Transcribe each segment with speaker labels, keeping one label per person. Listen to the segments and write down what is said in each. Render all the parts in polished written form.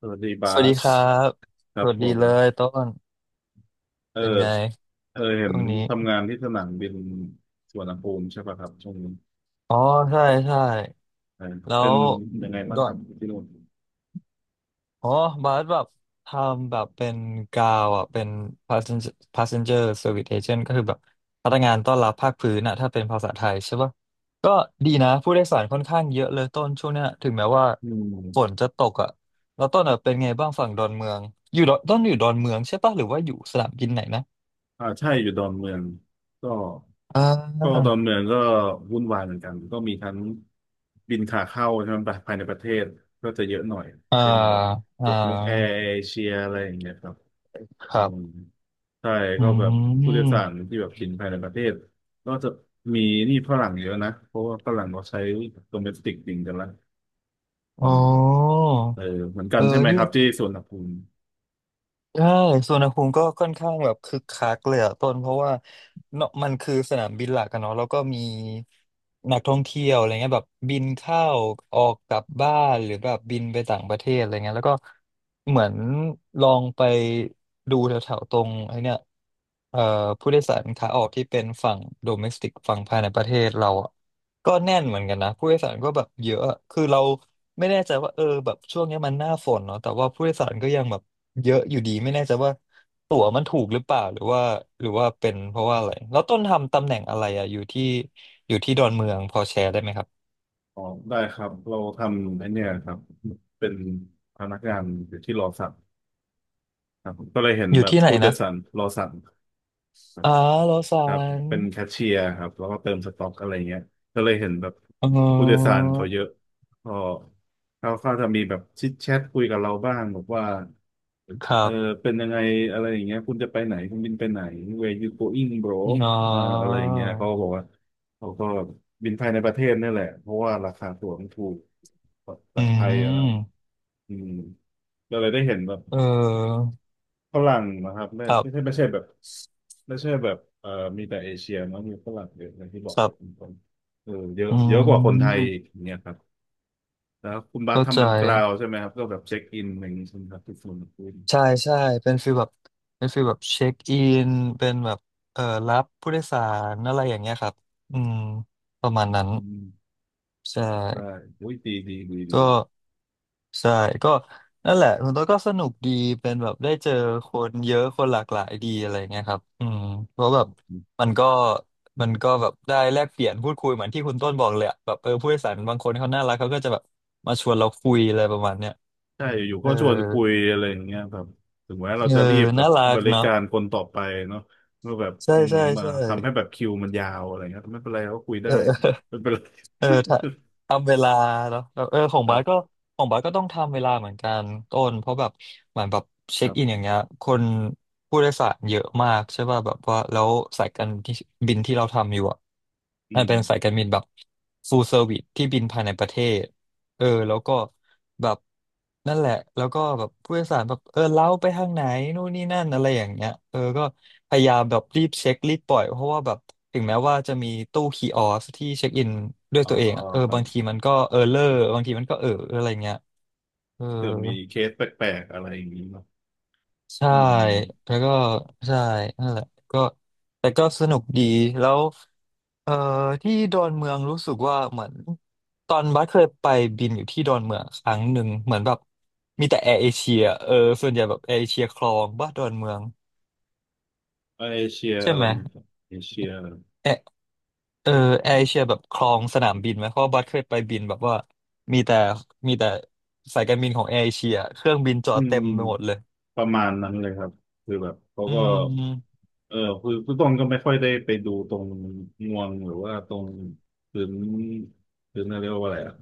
Speaker 1: สวัสดีบา
Speaker 2: สวัสดี
Speaker 1: ส
Speaker 2: ครับ
Speaker 1: ค
Speaker 2: ส
Speaker 1: รับ
Speaker 2: วัส
Speaker 1: ผ
Speaker 2: ดี
Speaker 1: ม
Speaker 2: เลยต้น
Speaker 1: เออ
Speaker 2: เป็นไง
Speaker 1: เออเห็น
Speaker 2: ช่วงนี้
Speaker 1: ทำงานที่สนามบินสุวรรณภูมิใช่ป่ะครับช่วงนี้
Speaker 2: อ๋อใช่ใช่
Speaker 1: เออ
Speaker 2: แล้
Speaker 1: เป็น
Speaker 2: ว
Speaker 1: ยังไงบ้า
Speaker 2: ด
Speaker 1: ง
Speaker 2: อ
Speaker 1: ครับที่นู่น
Speaker 2: อ๋อบาสแบบทำแบบเป็นกาวอ่ะเป็น passenger service agent ก็คือแบบพนักงานต้อนรับภาคพื้นอ่ะถ้าเป็นภาษาไทยใช่ปะก็ดีนะผู้โดยสารค่อนข้างเยอะเลยต้นช่วงเนี้ยถึงแม้ว่า
Speaker 1: อืม
Speaker 2: ฝนจะตกอ่ะแล้วต้นอ่ะเป็นไงบ้างฝั่งดอนเมืองอยู่ดอนต้นอยู่ดอนเมืองใช่ปะหรือว่าอยู่สนามบินไหนนะ
Speaker 1: อ่าใช่อยู่ดอนเมืองก็
Speaker 2: อ่
Speaker 1: ก็ด
Speaker 2: า
Speaker 1: อนเมืองก็วุ่นวายเหมือนกันก็มีทั้งบินขาเข้าใช่ไหมภายในประเทศก็จะเยอะหน่อย
Speaker 2: อ่า
Speaker 1: เช่นแบบพ
Speaker 2: อ่า
Speaker 1: วกนกแอร์เอเชียอะไรอย่างเงี้ยครับ
Speaker 2: ค
Speaker 1: อื
Speaker 2: รั
Speaker 1: ม
Speaker 2: บ
Speaker 1: ใช่
Speaker 2: อื
Speaker 1: ก็แบบผู้โดยสาร
Speaker 2: ม
Speaker 1: ที่แบบบินภายในประเทศก็จะมีนี่ฝรั่งเยอะนะเพราะว่าฝรั่งเขาใช้ domestic บินกันละอื
Speaker 2: อ๋อ
Speaker 1: มเออเหมือนกั
Speaker 2: เอ
Speaker 1: นใช่
Speaker 2: อ
Speaker 1: ไหมค
Speaker 2: ที่อื
Speaker 1: รับ
Speaker 2: ม
Speaker 1: ที่สุวรรณภูมิ
Speaker 2: ใช่สุวรรณภูมิก็ค่อนข้างแบบคึกคักเลยอะต้นเพราะว่าเนาะมันคือสนามบินหลักกันเนาะแล้วก็มีนักท่องเที่ยวอะไรเงี้ยแบบบินเข้าออกกลับบ้านหรือแบบบินไปต่างประเทศอะไรเงี้ยแล้วก็เหมือนลองไปดูแถวๆตรงไอ้เนี่ยเอ่อผู้โดยสารขาออกที่เป็นฝั่งโดเมสติกฝั่งภายในประเทศเราอะก็แน่นเหมือนกันนะผู้โดยสารก็แบบเยอะอะคือเราไม่แน่ใจว่าเออแบบช่วงเนี้ยมันหน้าฝนเนาะแต่ว่าผู้โดยสารก็ยังแบบ เยอะอยู่ดีไม่แน่ใจว่าตั๋วมันถูกหรือเปล่าหรือว่าหรือว่าเป็นเพราะว่าอะไรแล้วต้นทำตำแหน่งอะไรอะอยู่ที่ดอนเมืองพอแชร์ได้ไหมครับ
Speaker 1: อ๋อได้ครับเราทำไอ้เนี่ยครับเป็นพนักงานอยู่ที่รอสักครับก็เลยเห็น
Speaker 2: อยู่
Speaker 1: แบบ
Speaker 2: ที่ไหน
Speaker 1: ผู้โดย
Speaker 2: นะ
Speaker 1: สารรอสั่ง
Speaker 2: อ๋อโลซา
Speaker 1: ครับ
Speaker 2: น
Speaker 1: เป็นแคชเชียร์ครับแล้วก็เติมสต็อกอะไรเงี้ยก็เลยเห็นแบบ
Speaker 2: อ๋อ
Speaker 1: ผู้โดยสารเขาเยอะก็เขาจะมีแบบชิดแชทคุยกับเราบ้างบอกว่า
Speaker 2: ครั
Speaker 1: เออ
Speaker 2: บ
Speaker 1: เป็นยังไงอะไรอย่างเงี้ยคุณจะไปไหนคุณบินไปไหน where you going bro
Speaker 2: อ๋อ
Speaker 1: อะไรอย่างเงี้ยเขาก็บอกว่าเขาก็บินภายในประเทศนี่แหละเพราะว่าราคาตั๋วมันถูกกว่า
Speaker 2: อื
Speaker 1: สายไทยอนะ
Speaker 2: ม
Speaker 1: อืมก็เลยได้เห็นแบบ
Speaker 2: เออ
Speaker 1: ฝรั่งนะครับไม่
Speaker 2: ครั
Speaker 1: ไม่ใช่
Speaker 2: บ
Speaker 1: ไม่ใช่แบบ ไม่ใช่แบบมีแต่เอเชียเนอะมีฝรั่งเยอะอย่างที่บอก
Speaker 2: ค
Speaker 1: ไป
Speaker 2: รั
Speaker 1: คุณ
Speaker 2: บ
Speaker 1: ต้นเยอะ
Speaker 2: อื
Speaker 1: เยอะกว่าคนไทยอีก
Speaker 2: ม
Speaker 1: อย่างเนี่ยครับแล้วคุณบาส
Speaker 2: เข้า
Speaker 1: ทำ
Speaker 2: ใจ
Speaker 1: เป็นกราวใช่ไหมครับก็แบบเช็คอินอย่างนี้ใช่ไหมครับที่ส่วนคุณ
Speaker 2: ใช่ใช่เป็นฟีลแบบเป็นฟีลแบบเช็คอินเป็นแบบรับผู้โดยสารอะไรอย่างเงี้ยครับอืมประมาณ
Speaker 1: อื
Speaker 2: นั้น
Speaker 1: ม
Speaker 2: ใช่
Speaker 1: ได้อุ้ยดีดีดีดี
Speaker 2: ก็ใช่ก็นั่นแหละคุณตัวก็สนุกดีเป็นแบบได้เจอคนเยอะคนหลากหลายดีอะไรเงี้ยครับอืมเพราะแบบ
Speaker 1: อืม
Speaker 2: มันก็มันก็แบบได้แลกเปลี่ยนพูดคุยเหมือนที่คุณต้นบอกเลยอะแบบเออผู้โดยสารบางคนเขาน่ารักเขาก็จะแบบมาชวนเราคุยอะไรประมาณเนี้ย
Speaker 1: ใช่อยู่
Speaker 2: เออ
Speaker 1: ก็ชวนคุยอะไรอย่างเงี้ยแบบถึงแม้เรา
Speaker 2: เออ
Speaker 1: จะรีบแบ
Speaker 2: น่า
Speaker 1: บ
Speaker 2: รั
Speaker 1: บ
Speaker 2: ก
Speaker 1: ริ
Speaker 2: เนาะ
Speaker 1: การคนต่อไปเนาะเมื่อแบบ
Speaker 2: ใช่
Speaker 1: อืม
Speaker 2: ใช่
Speaker 1: มา
Speaker 2: ใช่
Speaker 1: ทำให้แบบคิวมันยาวอะไรเงี้ยไม่เป็นไรก็คุยได้
Speaker 2: เออ
Speaker 1: ไม่เป็นไร
Speaker 2: เออถ้า ทำเวลาเนาะแล้วเออ
Speaker 1: ครับ
Speaker 2: ของบาสก็ต้องทำเวลาเหมือนกันต้นเพราะแบบเหมือนแบบ
Speaker 1: ค
Speaker 2: เช็ค
Speaker 1: รั
Speaker 2: อินอย่า
Speaker 1: บ
Speaker 2: งเงี้ยผู้โดยสารเยอะมากใช่ป่ะแบบว่าแล้วสายการที่บินที่เราทำอยู่อ่ะ
Speaker 1: อื
Speaker 2: มัน
Speaker 1: ม
Speaker 2: เป็นสายการบินแบบ full service ที่บินภายในประเทศ เออแล้วก็แบบนั่นแหละแล้วก็แบบผู้โดยสารแบบเออเล้าไปทางไหนนู่นนี่นั่นอะไรอย่างเงี้ยเออก็พยายามแบบรีบเช็ครีบปล่อยเพราะว่าแบบถึงแม้ว่าจะมีตู้คีออสที่เช็คอินด้วย
Speaker 1: อ๋อ
Speaker 2: ตัวเองอะเออ
Speaker 1: ครั
Speaker 2: บา
Speaker 1: บ
Speaker 2: งทีมันก็เออเลอร์บางทีมันก็เอออะไรเงี้ยเออ
Speaker 1: เผื่อมีเคสแปลกๆอะไรอย่างนี้เนาะ
Speaker 2: ใช่
Speaker 1: อืม
Speaker 2: แล้วก็ใช่นั่นแหละก็แต่ก็สนุกดีแล้วเอ่อที่ดอนเมืองรู้สึกว่าเหมือนตอนบัสเคยไปบินอยู่ที่ดอนเมืองครั้งหนึ่งเหมือนแบบมีแต่แอร์เอเชียเออส่วนใหญ่แบบแอร์เอเชียคลองบ้าดอนเมือง
Speaker 1: เอเชีย
Speaker 2: ใช่
Speaker 1: อะไร
Speaker 2: ไหม
Speaker 1: นะครับเอเชีย
Speaker 2: แอร์เออแอร์เอเชียแบบคลองสนามบินไหมเพราะว่าบัสเคยไปบินแบบว่ามีแต่มีแต่สายการบินของแอร์เอเชียเครื่องบินจอ
Speaker 1: อื
Speaker 2: ดเต็
Speaker 1: ม
Speaker 2: มไปหมดเลย
Speaker 1: ประมาณนั้นเลยครับคือแบบเขา
Speaker 2: อื
Speaker 1: ก็
Speaker 2: ม
Speaker 1: คือต้องก็ไม่ค่อยได้ไปดูตรงงวงหรือว่าตรงพื้นพื้นเรียกว่าอะไรอะ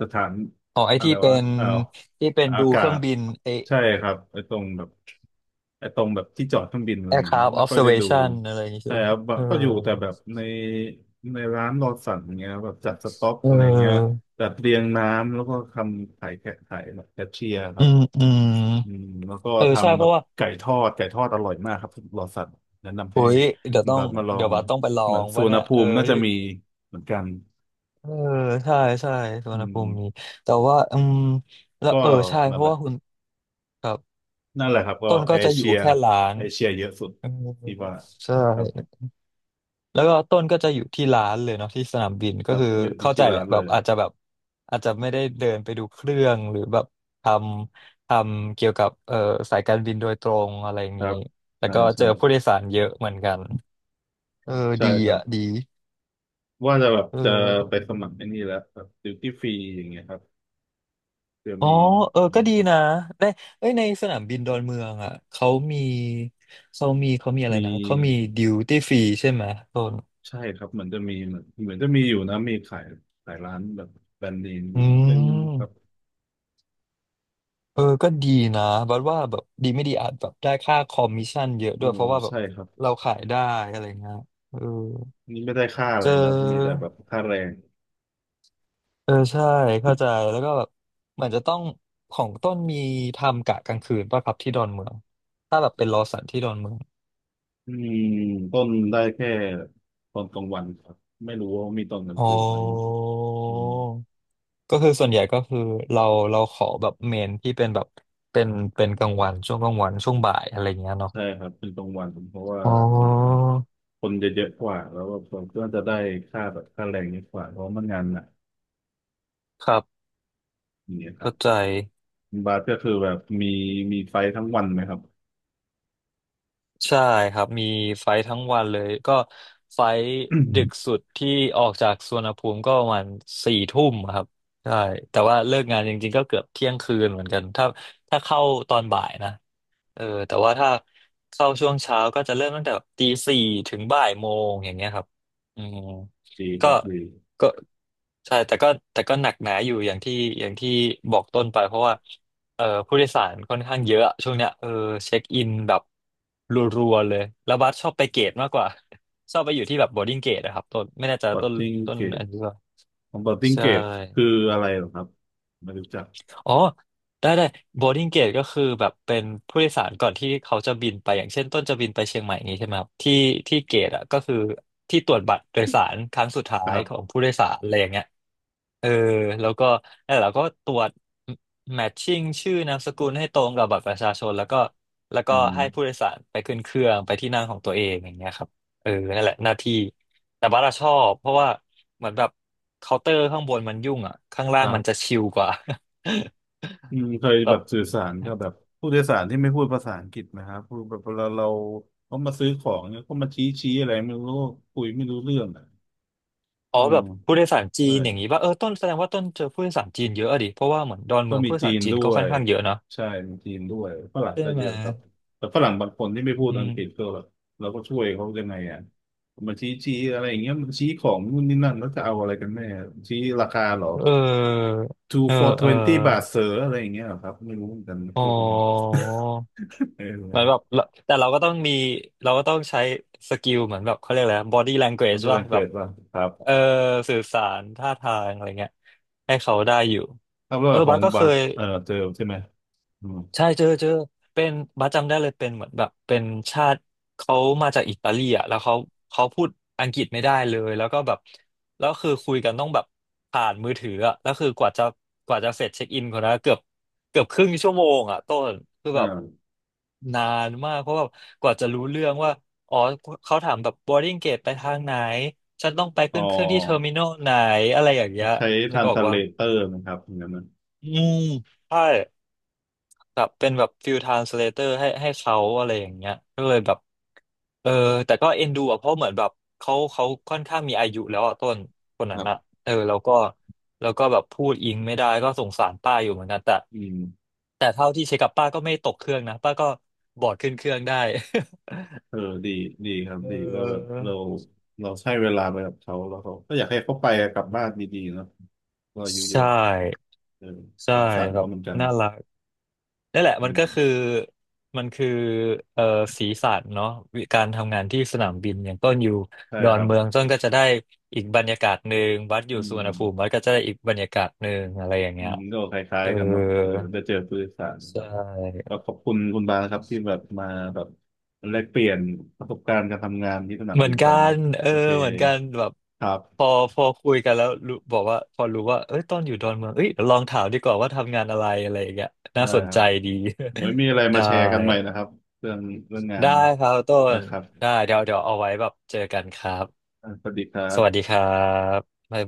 Speaker 1: สถาน
Speaker 2: อ๋องไอ
Speaker 1: อะไรวะอ้าว
Speaker 2: ที่เป็น
Speaker 1: อา
Speaker 2: ดู
Speaker 1: กา
Speaker 2: เครื่อง
Speaker 1: ศ
Speaker 2: บิน
Speaker 1: ใช่ครับไอ้ตรงแบบไอ้ตรงแบบที่จอดเครื่องบินอะไรอย่างเงี้ย
Speaker 2: aircraft
Speaker 1: ไม่ค่อยได้ดู
Speaker 2: observation อะไรอย่างงี้
Speaker 1: แต่
Speaker 2: ใช่ไหม
Speaker 1: แบบ
Speaker 2: เออ
Speaker 1: ก็อยู่แต่แบบในร้านรอสั่งเงี้ยแบบจัดสต็อก
Speaker 2: เ
Speaker 1: อะไรเงี้ย
Speaker 2: ออ
Speaker 1: จัดเรียงน้ำแล้วก็ทำถ่ายแขกถ่ายแบบแคชเชียร์ค
Speaker 2: อื
Speaker 1: รับ
Speaker 2: มอืม
Speaker 1: อืมแล้วก็
Speaker 2: เออใช่
Speaker 1: ทำ
Speaker 2: เพ
Speaker 1: แบ
Speaker 2: ราะ
Speaker 1: บ
Speaker 2: ว่า
Speaker 1: ไก่ทอดไก่ทอดอร่อยมากครับรอสัตว์แนะนำ
Speaker 2: โอ้
Speaker 1: ให้
Speaker 2: ยเดี๋ยว
Speaker 1: คุณ
Speaker 2: ต้อง
Speaker 1: บัสมาลอ
Speaker 2: เดี๋ยว
Speaker 1: ง
Speaker 2: ว่าต้องไปลอ
Speaker 1: เหมือน
Speaker 2: ง
Speaker 1: สุ
Speaker 2: ว่า
Speaker 1: วรรณ
Speaker 2: เนี่ย
Speaker 1: ภู
Speaker 2: เออ
Speaker 1: มิน่าจะ
Speaker 2: ที่
Speaker 1: มีเหมือนกัน
Speaker 2: เออใช่ใช่สุวร
Speaker 1: อื
Speaker 2: รณภูมิมี
Speaker 1: ม
Speaker 2: แต่ว่าอืมแล้ว
Speaker 1: ก็
Speaker 2: เออใช่เพ
Speaker 1: นั่นแห
Speaker 2: ราะ
Speaker 1: ละ
Speaker 2: ว่าคุณกับ
Speaker 1: นั่นแหละครับก็
Speaker 2: ต้นก็
Speaker 1: เอ
Speaker 2: จะอ
Speaker 1: เชี
Speaker 2: ยู่
Speaker 1: ย
Speaker 2: แค่ร้าน
Speaker 1: เอเชียเยอะสุด
Speaker 2: เออ
Speaker 1: ที่ว่า
Speaker 2: ใช่
Speaker 1: ครับ
Speaker 2: แล้วก็ต้นก็จะอยู่ที่ร้านเลยเนาะที่สนามบิน
Speaker 1: ค
Speaker 2: ก็
Speaker 1: รับ
Speaker 2: คือ
Speaker 1: อยู่
Speaker 2: เข้าใจ
Speaker 1: ที่
Speaker 2: แห
Speaker 1: ร้า
Speaker 2: ละ
Speaker 1: นเล
Speaker 2: แบบ
Speaker 1: ย
Speaker 2: อาจจะแบบอาจจะไม่ได้เดินไปดูเครื่องหรือแบบททำเกี่ยวกับสายการบินโดยตรงอะไรอย่าง
Speaker 1: ครั
Speaker 2: นี้
Speaker 1: บ
Speaker 2: แล้ว
Speaker 1: ใช่
Speaker 2: ก็เจ
Speaker 1: ใช่
Speaker 2: อผู้โดยสารเยอะเหมือนกันเออ
Speaker 1: ใช่
Speaker 2: ดี
Speaker 1: ครับ
Speaker 2: อ่ะดี
Speaker 1: ว่าจะแบบ
Speaker 2: เ
Speaker 1: จะไป
Speaker 2: ออ
Speaker 1: สมัครไอ้นี่แล้วแบบดิวตี้ฟรีอย่างเงี้ยครับเดี๋ยว
Speaker 2: อ๋อ
Speaker 1: มี
Speaker 2: เออก็ดี
Speaker 1: ครับ
Speaker 2: นะได้เอ้ยในสนามบินดอนเมืองอ่ะเขามีอะไร
Speaker 1: มี
Speaker 2: นะเขามีดิวตี้ฟรีใช่ไหมต้น
Speaker 1: ใช่ครับเหมือนจะมีเหมือนจะมีอยู่นะมีขายร้านแบบแบรนด์เนมอ
Speaker 2: อื
Speaker 1: ยู่นิดนึงครับ
Speaker 2: ม เออก็ดีนะบัดว่าแบบดีไม่ดีอาจแบบได้ค่าคอมมิชชั่นเยอะด้
Speaker 1: โอ้
Speaker 2: วยเพราะว่าแบบ
Speaker 1: ใช่ครับ
Speaker 2: เราขายได้อะไรเงี้ย เออ
Speaker 1: นี่ไม่ได้ค่าอะ
Speaker 2: เจ
Speaker 1: ไรครับมีแต่
Speaker 2: อ
Speaker 1: แบบค่าแรง
Speaker 2: เออใช่เข้าใจแล้วก็แบบเหมือนจะต้องของต้นมีทำกะกลางคืนป่ะครับที่ดอนเมืองถ้าแบบเป็นลอสันที่ดอนเมือง
Speaker 1: อืมต้นได้แค่ตอนกลางวันครับไม่รู้ว่ามีตอนกลาง
Speaker 2: อ๋อ
Speaker 1: คืนไหมอืม
Speaker 2: ก็คือส่วนใหญ่ก็คือเราเราขอแบบเมนที่เป็นแบบเป็นเป็นกลางวันช่วงกลางวันช่วงบ่ายอะไรเงี้ยเนาะ
Speaker 1: ใช่ครับเป็นกลางวันเพราะว่า
Speaker 2: อ๋อ
Speaker 1: เอิ่มคนจะเยอะกว่าแล้วก็จะได้ค่าแบบค่าแรงเยอะกว่าเพราะมันงานหนัก
Speaker 2: ครับ
Speaker 1: อย่างเงี้ยครั
Speaker 2: เข้า
Speaker 1: บ
Speaker 2: ใจ
Speaker 1: คุณบาสก็คือแบบมีไฟทั้งวันไหมครับ
Speaker 2: ใช่ครับมีไฟท์ทั้งวันเลยก็ไฟท์ดึกสุดที่ออกจากสุวรรณภูมิก็ประมาณสี่ทุ่มครับใช่แต่ว่าเลิกงานจริงๆก็เกือบเที่ยงคืนเหมือนกันถ้าเข้าตอนบ่ายนะ เออแต่ว่าถ้าเข้าช่วงเช้าก็จะเริ่มตั้งแต่ตีสี่ถึงบ่ายโมงอย่างเงี้ยครับอืม
Speaker 1: ดีค
Speaker 2: ก็
Speaker 1: รับดี
Speaker 2: ก็ใช่แต่ก็หนักหนาอยู่อย่างที่บอกต้นไปเพราะว่าเออผู้โดยสารค่อนข้างเยอะช่วงเนี้ยเออเช็คอินแบบรัวๆเลยแล้วบัสชอบไปเกตมากกว่า ชอบไปอยู่ที่แบบโบร์ดิ้งเกตนะครับต้นไม่แน่ใจ
Speaker 1: บัต
Speaker 2: ต้น
Speaker 1: ติ้ง
Speaker 2: ต้น
Speaker 1: เกต
Speaker 2: อันนี้ว่า
Speaker 1: ของบัตติ้ง
Speaker 2: ใช่
Speaker 1: เกตคืออะไรเหรอครับไม่รู้จัก
Speaker 2: อ๋อได้ได้ boarding gate ก็คือแบบเป็นผู้โดยสารก่อนที่เขาจะบินไปอย่างเช่นต้นจะบินไปเชียงใหม่อย่างนี้ใช่ไหมครับที่ที่เกตอ่ะก็คือที่ตรวจบัตรโดยสารครั้งสุดท้า
Speaker 1: ค
Speaker 2: ย
Speaker 1: รั
Speaker 2: ของ
Speaker 1: บ
Speaker 2: ผู้โดยสารอะไรอย่างเงี้ยเออแล้วก็นั่นแหล้วก็ตรวจ matching ชื่อนามสกุลให้ตรงกับบัตรประชาชนแล้วก็แล้ว
Speaker 1: อื
Speaker 2: ก็ให้ผู้
Speaker 1: ม
Speaker 2: โดยสารไปขึ้นเครื่องไปที่นั่งของตัวเองอย่างเงี้ยครับเออนั่นแหละหน้าที่แต่บัสอะชอบเพราะว่าเหมือนแบบเคาน์เตอร์ข้างบนมันยุ่งอ่ะข้าง
Speaker 1: ค
Speaker 2: ล่าง
Speaker 1: รั
Speaker 2: มันจะ
Speaker 1: บ
Speaker 2: ชิลกว่า
Speaker 1: อืมเคยแบ
Speaker 2: แบบ
Speaker 1: บสื่อสารกับแบบผู้โดยสารที่ไม่พูดภาษาอังกฤษไหมครับพูดแบบเวลาเราเขามาซื้อของเนี่ยก็มาชี้ชี้อะไรไม่รู้คุยไม่รู้เรื่องอ่ะ
Speaker 2: อ๋
Speaker 1: อื
Speaker 2: อแบ
Speaker 1: ม
Speaker 2: บผู้โดยสารจี
Speaker 1: ใช่
Speaker 2: นอย่างนี้ว่าเออต้นแสดงว่าต้นเจอผู้โดยสารจีนเยอะอะดิเพราะว่าเหมือนดอน
Speaker 1: ก็
Speaker 2: เมือง
Speaker 1: มี
Speaker 2: ผู้โดย
Speaker 1: จี
Speaker 2: สาร
Speaker 1: น
Speaker 2: จีน
Speaker 1: ด้
Speaker 2: ก็
Speaker 1: ว
Speaker 2: ค่อน
Speaker 1: ย
Speaker 2: ข้างเยอะเนาะ
Speaker 1: ใช่มีจีนด้วยฝรั่ง
Speaker 2: ใช่
Speaker 1: ก็
Speaker 2: ไห
Speaker 1: เย
Speaker 2: ม
Speaker 1: อะครับแต่ฝรั่งบางคนที่ไม่
Speaker 2: อื
Speaker 1: พูดอังกฤษ
Speaker 2: ม
Speaker 1: ก็แบบเราก็ช่วยเขายังไงอ่ะมาชี้ชี้อะไรอย่างเงี้ยมันชี้ของนู่นนี่นั่นแล้วจะเอาอะไรกันแน่ชี้ราคาเหรอ
Speaker 2: เออ
Speaker 1: two
Speaker 2: เออ
Speaker 1: for
Speaker 2: เออ
Speaker 1: 20 บาทเสืออะไรอย่างเงี้ยเหรอครับไม่รู้เหมือนกัน
Speaker 2: อ๋อ
Speaker 1: พูดตรงนั้นเอ
Speaker 2: เหมือนแบบ
Speaker 1: อ
Speaker 2: เราแต่เราก็ต้องมีเราก็ต้องใช้สกิลเหมือนแบบเขาเรียกอะไร body
Speaker 1: มัน
Speaker 2: language
Speaker 1: จะแร
Speaker 2: ว่า
Speaker 1: งเก
Speaker 2: แบ
Speaker 1: ร
Speaker 2: บ
Speaker 1: ดป่ะครับ
Speaker 2: เออสื่อสารท่าทางอะไรเงี้ยให้เขาได้อยู่
Speaker 1: ถ้าเรื่
Speaker 2: เอ
Speaker 1: อง
Speaker 2: อ
Speaker 1: ขอ
Speaker 2: บา
Speaker 1: ง
Speaker 2: สก็เค
Speaker 1: บาท
Speaker 2: ย
Speaker 1: เจอใช่ไหมอืม
Speaker 2: ใช่เจอเป็นบัสจำได้เลยเป็นเหมือนแบบเป็นชาติเขามาจากอิตาลีอ่ะแล้วเขาพูดอังกฤษไม่ได้เลยแล้วก็แบบแล้วคือคุยกันต้องแบบผ่านมือถืออ่ะแล้วคือกว่าจะเสร็จเช็คอินคนนั้นเกือบครึ่งชั่วโมงอ่ะต้นคือแบบ
Speaker 1: อ่า
Speaker 2: นานมากเพราะแบบกว่าจะรู้เรื่องว่าอ๋อเขาถามแบบ boarding gate ไปทางไหนฉันต้องไป
Speaker 1: อ๋อ
Speaker 2: ขึ้นเครื่องที่เทอร์มินอลไหนอะไรอย่างเงี้ย
Speaker 1: ใช้ท
Speaker 2: นึ
Speaker 1: รา
Speaker 2: ก
Speaker 1: น
Speaker 2: ออ
Speaker 1: ส
Speaker 2: ก
Speaker 1: เล
Speaker 2: ว่า
Speaker 1: เตอร์นะครับเหมือย่างนก้นน
Speaker 2: อืมใช่ แบบเป็นแบบฟิลทรานสเลเตอร์ให้เขาอะไรอย่างเงี้ยก็เลยแบบเออแต่ก็เอ็นดูอ่ะเพราะเหมือนแบบเขาค่อนข้างมีอายุแล้วอ่ะต้น
Speaker 1: ะ
Speaker 2: คน
Speaker 1: ค
Speaker 2: นั้น
Speaker 1: รั
Speaker 2: อ่ะ
Speaker 1: บ
Speaker 2: เออแล้วก็แบบพูดอิงไม่ได้ก็สงสารป้าอยู่เหมือนกันแต่
Speaker 1: อืม
Speaker 2: แต่เท่าที่เช็คกับป้าก็ไม่ตกเครื่องนะป้าก็บอร์ดขึ้นเครื่องได้
Speaker 1: เออดีดีครับ
Speaker 2: เอ
Speaker 1: ดีว่าแบบ
Speaker 2: อ
Speaker 1: เราใช้เวลาไปกับเขาแล้วเขาก็อยากให้เขาไปกลับบ้านดีๆเนาะเราอายุเย
Speaker 2: ใช่
Speaker 1: อะเออ
Speaker 2: ใช่
Speaker 1: สงสาร
Speaker 2: แบ
Speaker 1: เขา
Speaker 2: บ
Speaker 1: เหมือนกัน
Speaker 2: น่ารัก นั่นแหละ
Speaker 1: อื
Speaker 2: มัน
Speaker 1: ม
Speaker 2: ก็คือมันคือเอ่อสีสันเนาะวิการทำงานที่สนามบินอย่างต้นอยู่
Speaker 1: ใช่
Speaker 2: ดอ
Speaker 1: ค
Speaker 2: น
Speaker 1: รับ
Speaker 2: เมืองต้นก็จะได้อีกบรรยากาศหนึ่งวัดอ
Speaker 1: อื
Speaker 2: ยู่สุวรรณภูมิวั
Speaker 1: ม
Speaker 2: ดก็จะได้อีกบรรยากาศหนึ่งอะไรอย่าง
Speaker 1: อื
Speaker 2: เงี้ย
Speaker 1: มก็คล้า
Speaker 2: เอ
Speaker 1: ย
Speaker 2: อ
Speaker 1: ๆกันเนาะได้เจอผู้โดยสาร
Speaker 2: ใช
Speaker 1: ครับ
Speaker 2: ่
Speaker 1: ก็ขอบคุณคุณบานครับที่แบบมาแบบแลกเปลี่ยนประสบการณ์การทำงานที่สนาม
Speaker 2: เหมื
Speaker 1: บิ
Speaker 2: อน
Speaker 1: น
Speaker 2: กั
Speaker 1: กัน
Speaker 2: นเออ
Speaker 1: โอเค
Speaker 2: เหมือนกันแบบ
Speaker 1: ครั
Speaker 2: พ
Speaker 1: บ
Speaker 2: อพอคุยกันแล้วรู้บอกว่าพอรู้ว่าเอ้ยตอนอยู่ดอนเมืองเอ้ยเดี๋ยวลองถามดีกว่าว่าทำงานอะไรอะไรอย่างเงี้ยน่า
Speaker 1: ได้
Speaker 2: สน
Speaker 1: ครั
Speaker 2: ใจ
Speaker 1: บ
Speaker 2: ดี
Speaker 1: ไว้มีอะไร มา
Speaker 2: ได้
Speaker 1: แชร์กันใหม่นะครับเรื่องเรื่องงาน
Speaker 2: ได้
Speaker 1: นะ
Speaker 2: ครับต้
Speaker 1: ได้
Speaker 2: น
Speaker 1: ครับ
Speaker 2: ได้เดี๋ยวเอาไว้แบบเจอกันครับ
Speaker 1: อ่ะสวัสดีครั
Speaker 2: สวัสดี
Speaker 1: บ
Speaker 2: ครับ